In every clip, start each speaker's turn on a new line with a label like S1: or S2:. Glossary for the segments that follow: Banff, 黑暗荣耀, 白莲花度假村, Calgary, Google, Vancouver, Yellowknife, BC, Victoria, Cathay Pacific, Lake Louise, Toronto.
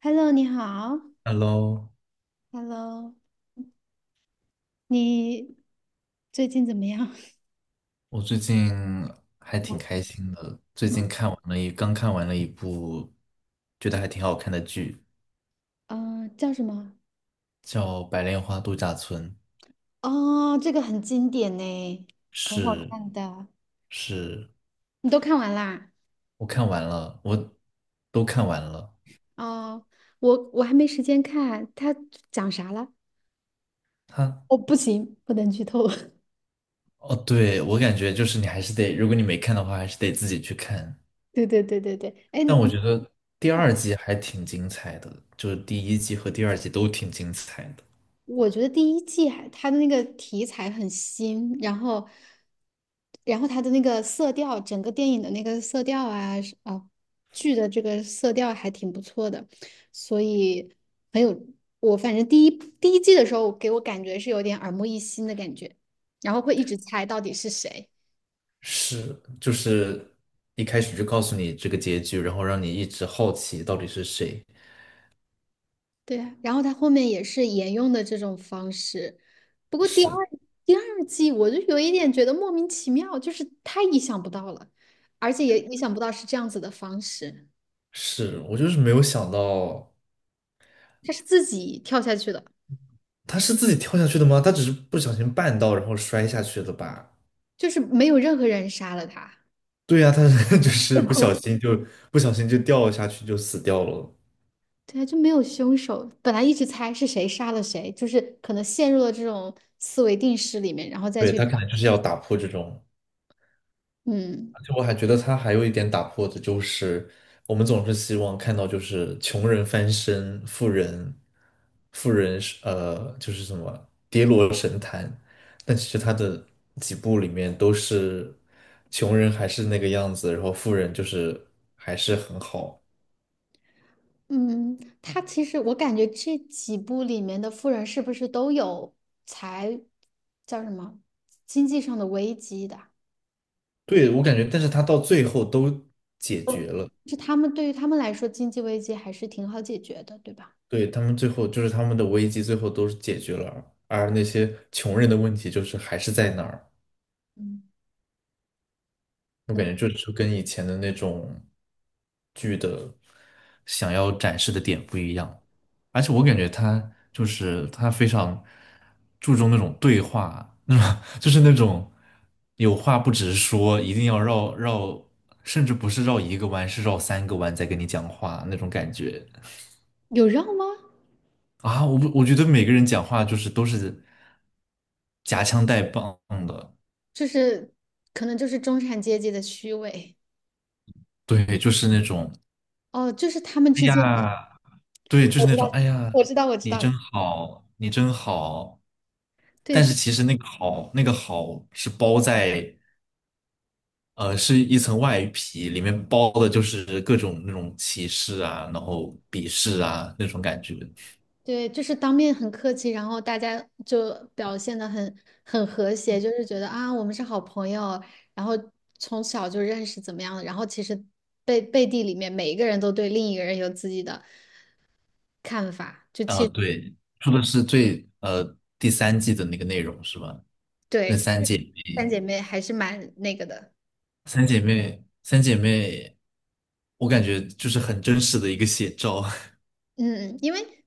S1: Hello，你好。
S2: Hello，
S1: Hello，你最近怎么样？
S2: 我最近还挺 开心的。最近看完了一，刚看完了一部觉得还挺好看的剧，
S1: 嗯，叫什么？
S2: 叫《白莲花度假村》。
S1: 哦，这个很经典呢，很好
S2: 是
S1: 看的。
S2: 是，
S1: 你都看完啦？
S2: 我看完了，我都看完了。
S1: 哦，我还没时间看，它讲啥了？
S2: 它
S1: 哦，不行，不能剧透。
S2: 哦，对，我感觉就是你还是得，如果你没看的话，还是得自己去看。
S1: 对对对对对。哎，
S2: 但我觉得第二季还挺精彩的，就是第一季和第二季都挺精彩的。
S1: 我觉得第一季还它的那个题材很新，然后它的那个色调，整个电影的那个色调啊，是啊，剧的这个色调还挺不错的，所以很有我反正第一季的时候给我感觉是有点耳目一新的感觉，然后会一直猜到底是谁。
S2: 是，就是一开始就告诉你这个结局，然后让你一直好奇到底是谁。
S1: 对啊，然后他后面也是沿用的这种方式，不过第二
S2: 是
S1: 第二季我就有一点觉得莫名其妙，就是太意想不到了，而且也意想不到是这样子的方式，
S2: 是，我就是没有想到
S1: 他是自己跳下去的，
S2: 他是自己跳下去的吗？他只是不小心绊到，然后摔下去的吧？
S1: 就是没有任何人杀了他，
S2: 对呀，他是 就是不小 心就不小心就掉下去就死掉了。
S1: 对啊，就没有凶手，本来一直猜是谁杀了谁，就是可能陷入了这种思维定式里面，然后再
S2: 对，
S1: 去
S2: 他
S1: 找，
S2: 可能就是要打破这种。
S1: 嗯。
S2: 而且我还觉得他还有一点打破的就是，我们总是希望看到就是穷人翻身，富人，富人是就是什么跌落神坛，但其实他的几部里面都是穷人还是那个样子，然后富人就是还是很好。
S1: 嗯，他其实我感觉这几部里面的富人是不是都有财，叫什么，经济上的危机的？
S2: 对，我感觉，但是他到最后都解决了，
S1: 是他们对于他们来说，经济危机还是挺好解决的，对吧？
S2: 对，他们最后就是他们的危机最后都是解决了，而那些穷人的问题就是还是在那儿。
S1: 嗯，
S2: 我
S1: 可
S2: 感
S1: 能
S2: 觉就跟以前的那种剧的想要展示的点不一样，而且我感觉他就是他非常注重那种对话，就是那种有话不直说，一定要绕绕，甚至不是绕一个弯，是绕三个弯在跟你讲话那种感觉
S1: 有让吗？
S2: 啊！我不我觉得每个人讲话就是都是夹枪带棒的，
S1: 就是可能就是中产阶级的虚伪
S2: 对，就是那种，
S1: 哦，就是他们
S2: 哎
S1: 之间，
S2: 呀。对，就
S1: 我
S2: 是
S1: 知
S2: 那种，
S1: 道，
S2: 哎呀，
S1: 我知道，我知
S2: 你
S1: 道，
S2: 真好，你真好。
S1: 对，
S2: 但是
S1: 就
S2: 其实那个好，那个好是包在，是一层外皮，里面包的就是各种那种歧视啊，然后鄙视啊那种感觉。
S1: 对，就是当面很客气，然后大家就表现的很和谐，就是觉得啊，我们是好朋友，然后从小就认识怎么样的，然后其实背地里面每一个人都对另一个人有自己的看法，就其
S2: 啊、
S1: 实
S2: 对，说的是第三季的那个内容是吧？那
S1: 对
S2: 三姐
S1: 三
S2: 妹，
S1: 姐妹还是蛮那个的。
S2: 三姐妹，三姐妹，我感觉就是很真实的一个写照。
S1: 嗯，因为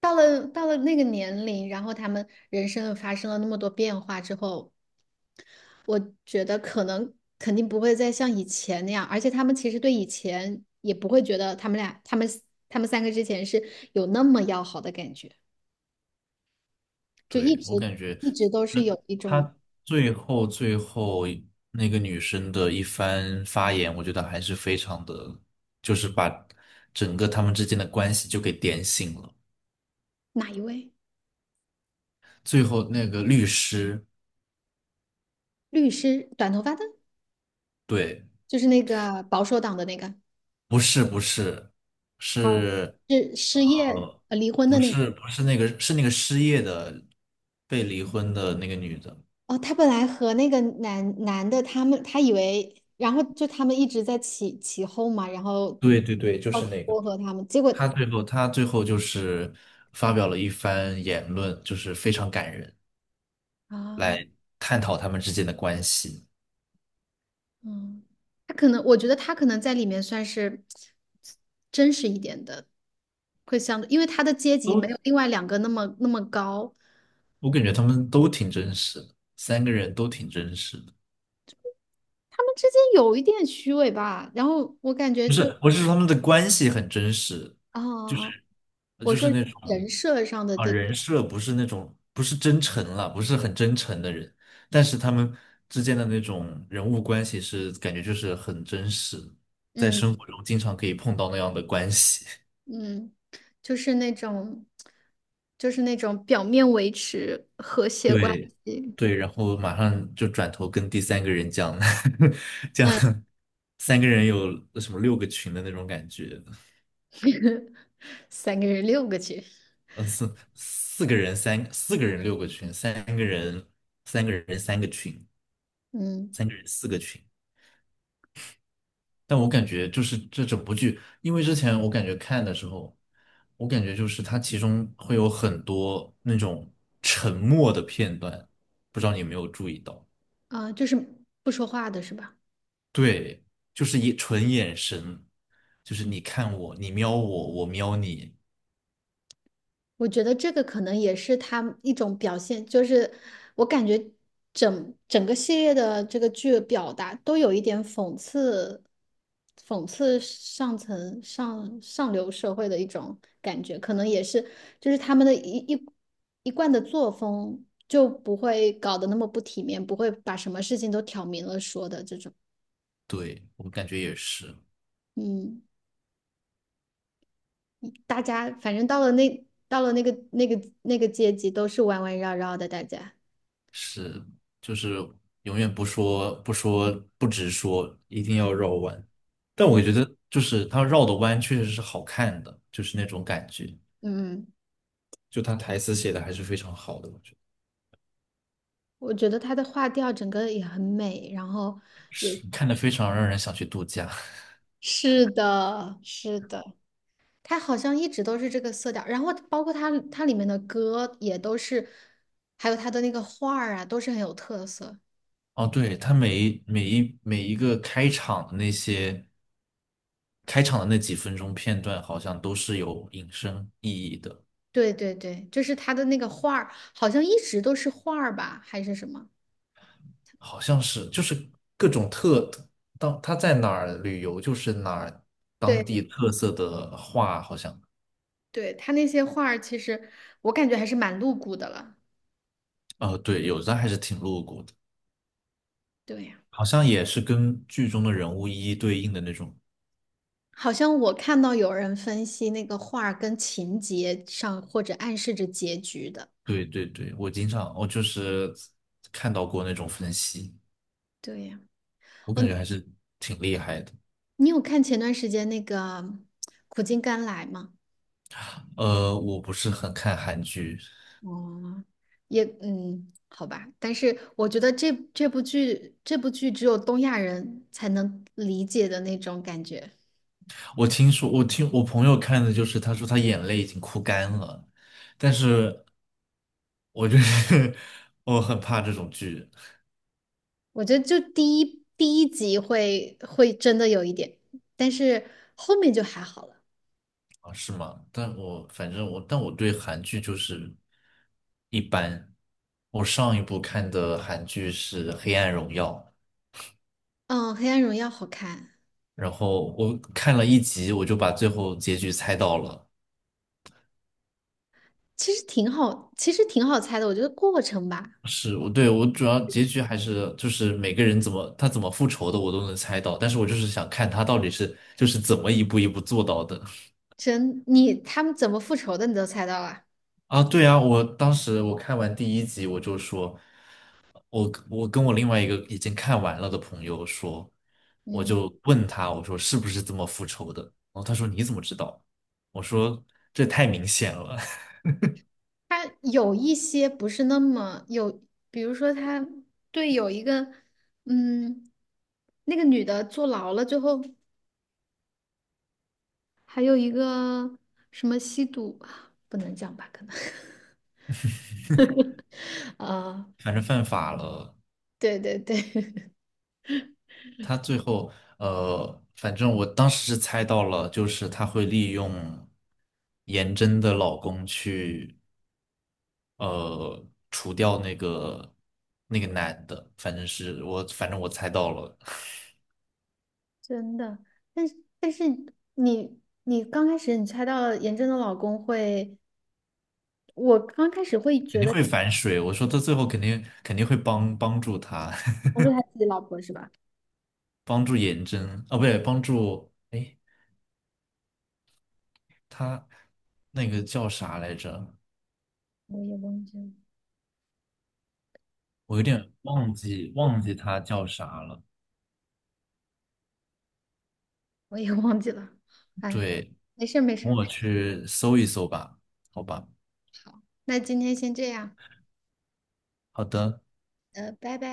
S1: 到了那个年龄，然后他们人生发生了那么多变化之后，我觉得可能肯定不会再像以前那样，而且他们其实对以前也不会觉得他们俩、他们、他们三个之前是有那么要好的感觉，就一
S2: 对，我
S1: 直
S2: 感觉，
S1: 一直都
S2: 那
S1: 是有一种。
S2: 他最后那个女生的一番发言，我觉得还是非常的，就是把整个他们之间的关系就给点醒了。
S1: 哪一位
S2: 最后那个律师，
S1: 律师，短头发的，
S2: 对，
S1: 就是那个保守党的那个，
S2: 不是不是，
S1: 哦，
S2: 是
S1: 是失业
S2: 呃，
S1: 离婚的
S2: 不
S1: 那个。
S2: 是不是那个是那个失业的被离婚的那个女的，
S1: 哦，他本来和那个男的，他以为，然后就他们一直在起起哄嘛，然后
S2: 对对对，就
S1: 要
S2: 是那个。
S1: 撮合他们，结果
S2: 她最后就是发表了一番言论，就是非常感人。
S1: 啊。
S2: 来探讨他们之间的关系。
S1: 嗯，他可能，我觉得他可能在里面算是真实一点的，会相对，因为他的阶级没有另外两个那么那么高，
S2: 我感觉他们都挺真实的，三个人都挺真实的。
S1: 他们之间有一点虚伪吧。然后我感觉
S2: 不
S1: 就
S2: 是，我是说他们的关系很真实，就
S1: 啊，啊
S2: 是呃
S1: 我
S2: 就是
S1: 说
S2: 那种
S1: 人设上的
S2: 啊
S1: 这个，
S2: 人设不是那种不是真诚了，不是很真诚的人，但是他们之间的那种人物关系是感觉就是很真实，在
S1: 嗯
S2: 生活中经常可以碰到那样的关系。
S1: 嗯，就是那种，就是那种表面维持和谐关
S2: 对
S1: 系。
S2: 对，然后马上就转头跟第三个人讲，讲
S1: 嗯，
S2: 三个人有什么六个群的那种感觉，
S1: 三个人六个去，
S2: 四个人三四个人六个群，三个人三个群，
S1: 嗯
S2: 三个人四个群。但我感觉就是这整部剧，因为之前我感觉看的时候，我感觉就是它其中会有很多那种沉默的片段，不知道你有没有注意到。
S1: 啊，就是不说话的是吧？
S2: 对，就是一纯眼神，就是你看我，你瞄我，我瞄你，
S1: 我觉得这个可能也是他一种表现，就是我感觉整个系列的这个剧表达都有一点讽刺，讽刺上层上流社会的一种感觉，可能也是就是他们的一贯的作风就不会搞得那么不体面，不会把什么事情都挑明了说的这种。
S2: 对，我感觉也是，
S1: 嗯，大家反正到了那个阶级都是弯弯绕绕的，大家
S2: 是，就是永远不直说，一定要绕弯。但我
S1: 对，
S2: 觉得就是他绕的弯确实是好看的，就是那种感觉，
S1: 嗯。
S2: 就他台词写的还是非常好的，我觉得
S1: 我觉得他的画调整个也很美，然后
S2: 是看的非常让人想去度假。
S1: 是的，是的，他好像一直都是这个色调，然后包括他里面的歌也都是，还有他的那个画儿啊，都是很有特色。
S2: 哦，对，他每一个开场的那几分钟片段，好像都是有引申意义的，
S1: 对对对，就是他的那个画儿，好像一直都是画儿吧，还是什么？
S2: 好像是就是各种当他在哪儿旅游，就是哪儿当
S1: 对
S2: 地特色的话，好像
S1: 对，他那些画儿其实我感觉还是蛮露骨的了。
S2: 哦，对，有的还是挺露骨的，
S1: 对呀。
S2: 好像也是跟剧中的人物一一对应的那种。
S1: 好像我看到有人分析那个画儿跟情节上，或者暗示着结局的。
S2: 对对对，我经常我就是看到过那种分析，
S1: 对呀。
S2: 我感觉
S1: 嗯，
S2: 还是挺厉害的。
S1: 你有看前段时间那个苦尽甘来吗？
S2: 我不是很看韩剧，
S1: 哦，也嗯，好吧，但是我觉得这部剧只有东亚人才能理解的那种感觉。
S2: 我听我朋友看的就是，他说他眼泪已经哭干了，但是我就是 我很怕这种剧
S1: 我觉得就第一集会真的有一点，但是后面就还好了。
S2: 啊，是吗？但我反正我，但我对韩剧就是一般。我上一部看的韩剧是《黑暗荣耀》，
S1: 嗯，《黑暗荣耀》好看，
S2: 然后我看了一集，我就把最后结局猜到了。
S1: 其实挺好猜的。我觉得过程吧，
S2: 是我主要结局还是就是每个人他怎么复仇的我都能猜到，但是我就是想看他到底是就是怎么一步一步做到的
S1: 你他们怎么复仇的你都猜到了。
S2: 啊！对啊，我当时看完第一集我就说，我跟我另外一个已经看完了的朋友说，我
S1: 嗯。
S2: 就问他我说是不是这么复仇的？然后他说你怎么知道？我说这太明显了，
S1: 他有一些不是那么有，比如说他对有一个，嗯，那个女的坐牢了之后，还有一个什么吸毒，不能讲吧？可能，啊，
S2: 反正犯法了。
S1: 对对对，
S2: 他最后，反正我当时是猜到了，就是他会利用颜真的老公去，除掉那个男的，反正我猜到了，
S1: 真的。但是但是你你刚开始你猜到了严正的老公会，我刚开始会
S2: 肯
S1: 觉
S2: 定
S1: 得
S2: 会反水。我说他最后肯定会帮助他，
S1: 不是他自己老婆是吧？
S2: 帮助颜真，啊，不对，帮助，哎，他那个叫啥来着？
S1: 我也忘记了，
S2: 我有点忘记他叫啥了。
S1: 我也忘记了。哎，
S2: 对，
S1: 没事儿没事
S2: 等
S1: 儿，
S2: 我去搜一搜吧，好吧。
S1: 好，那今天先这样。
S2: 好的，
S1: 拜拜。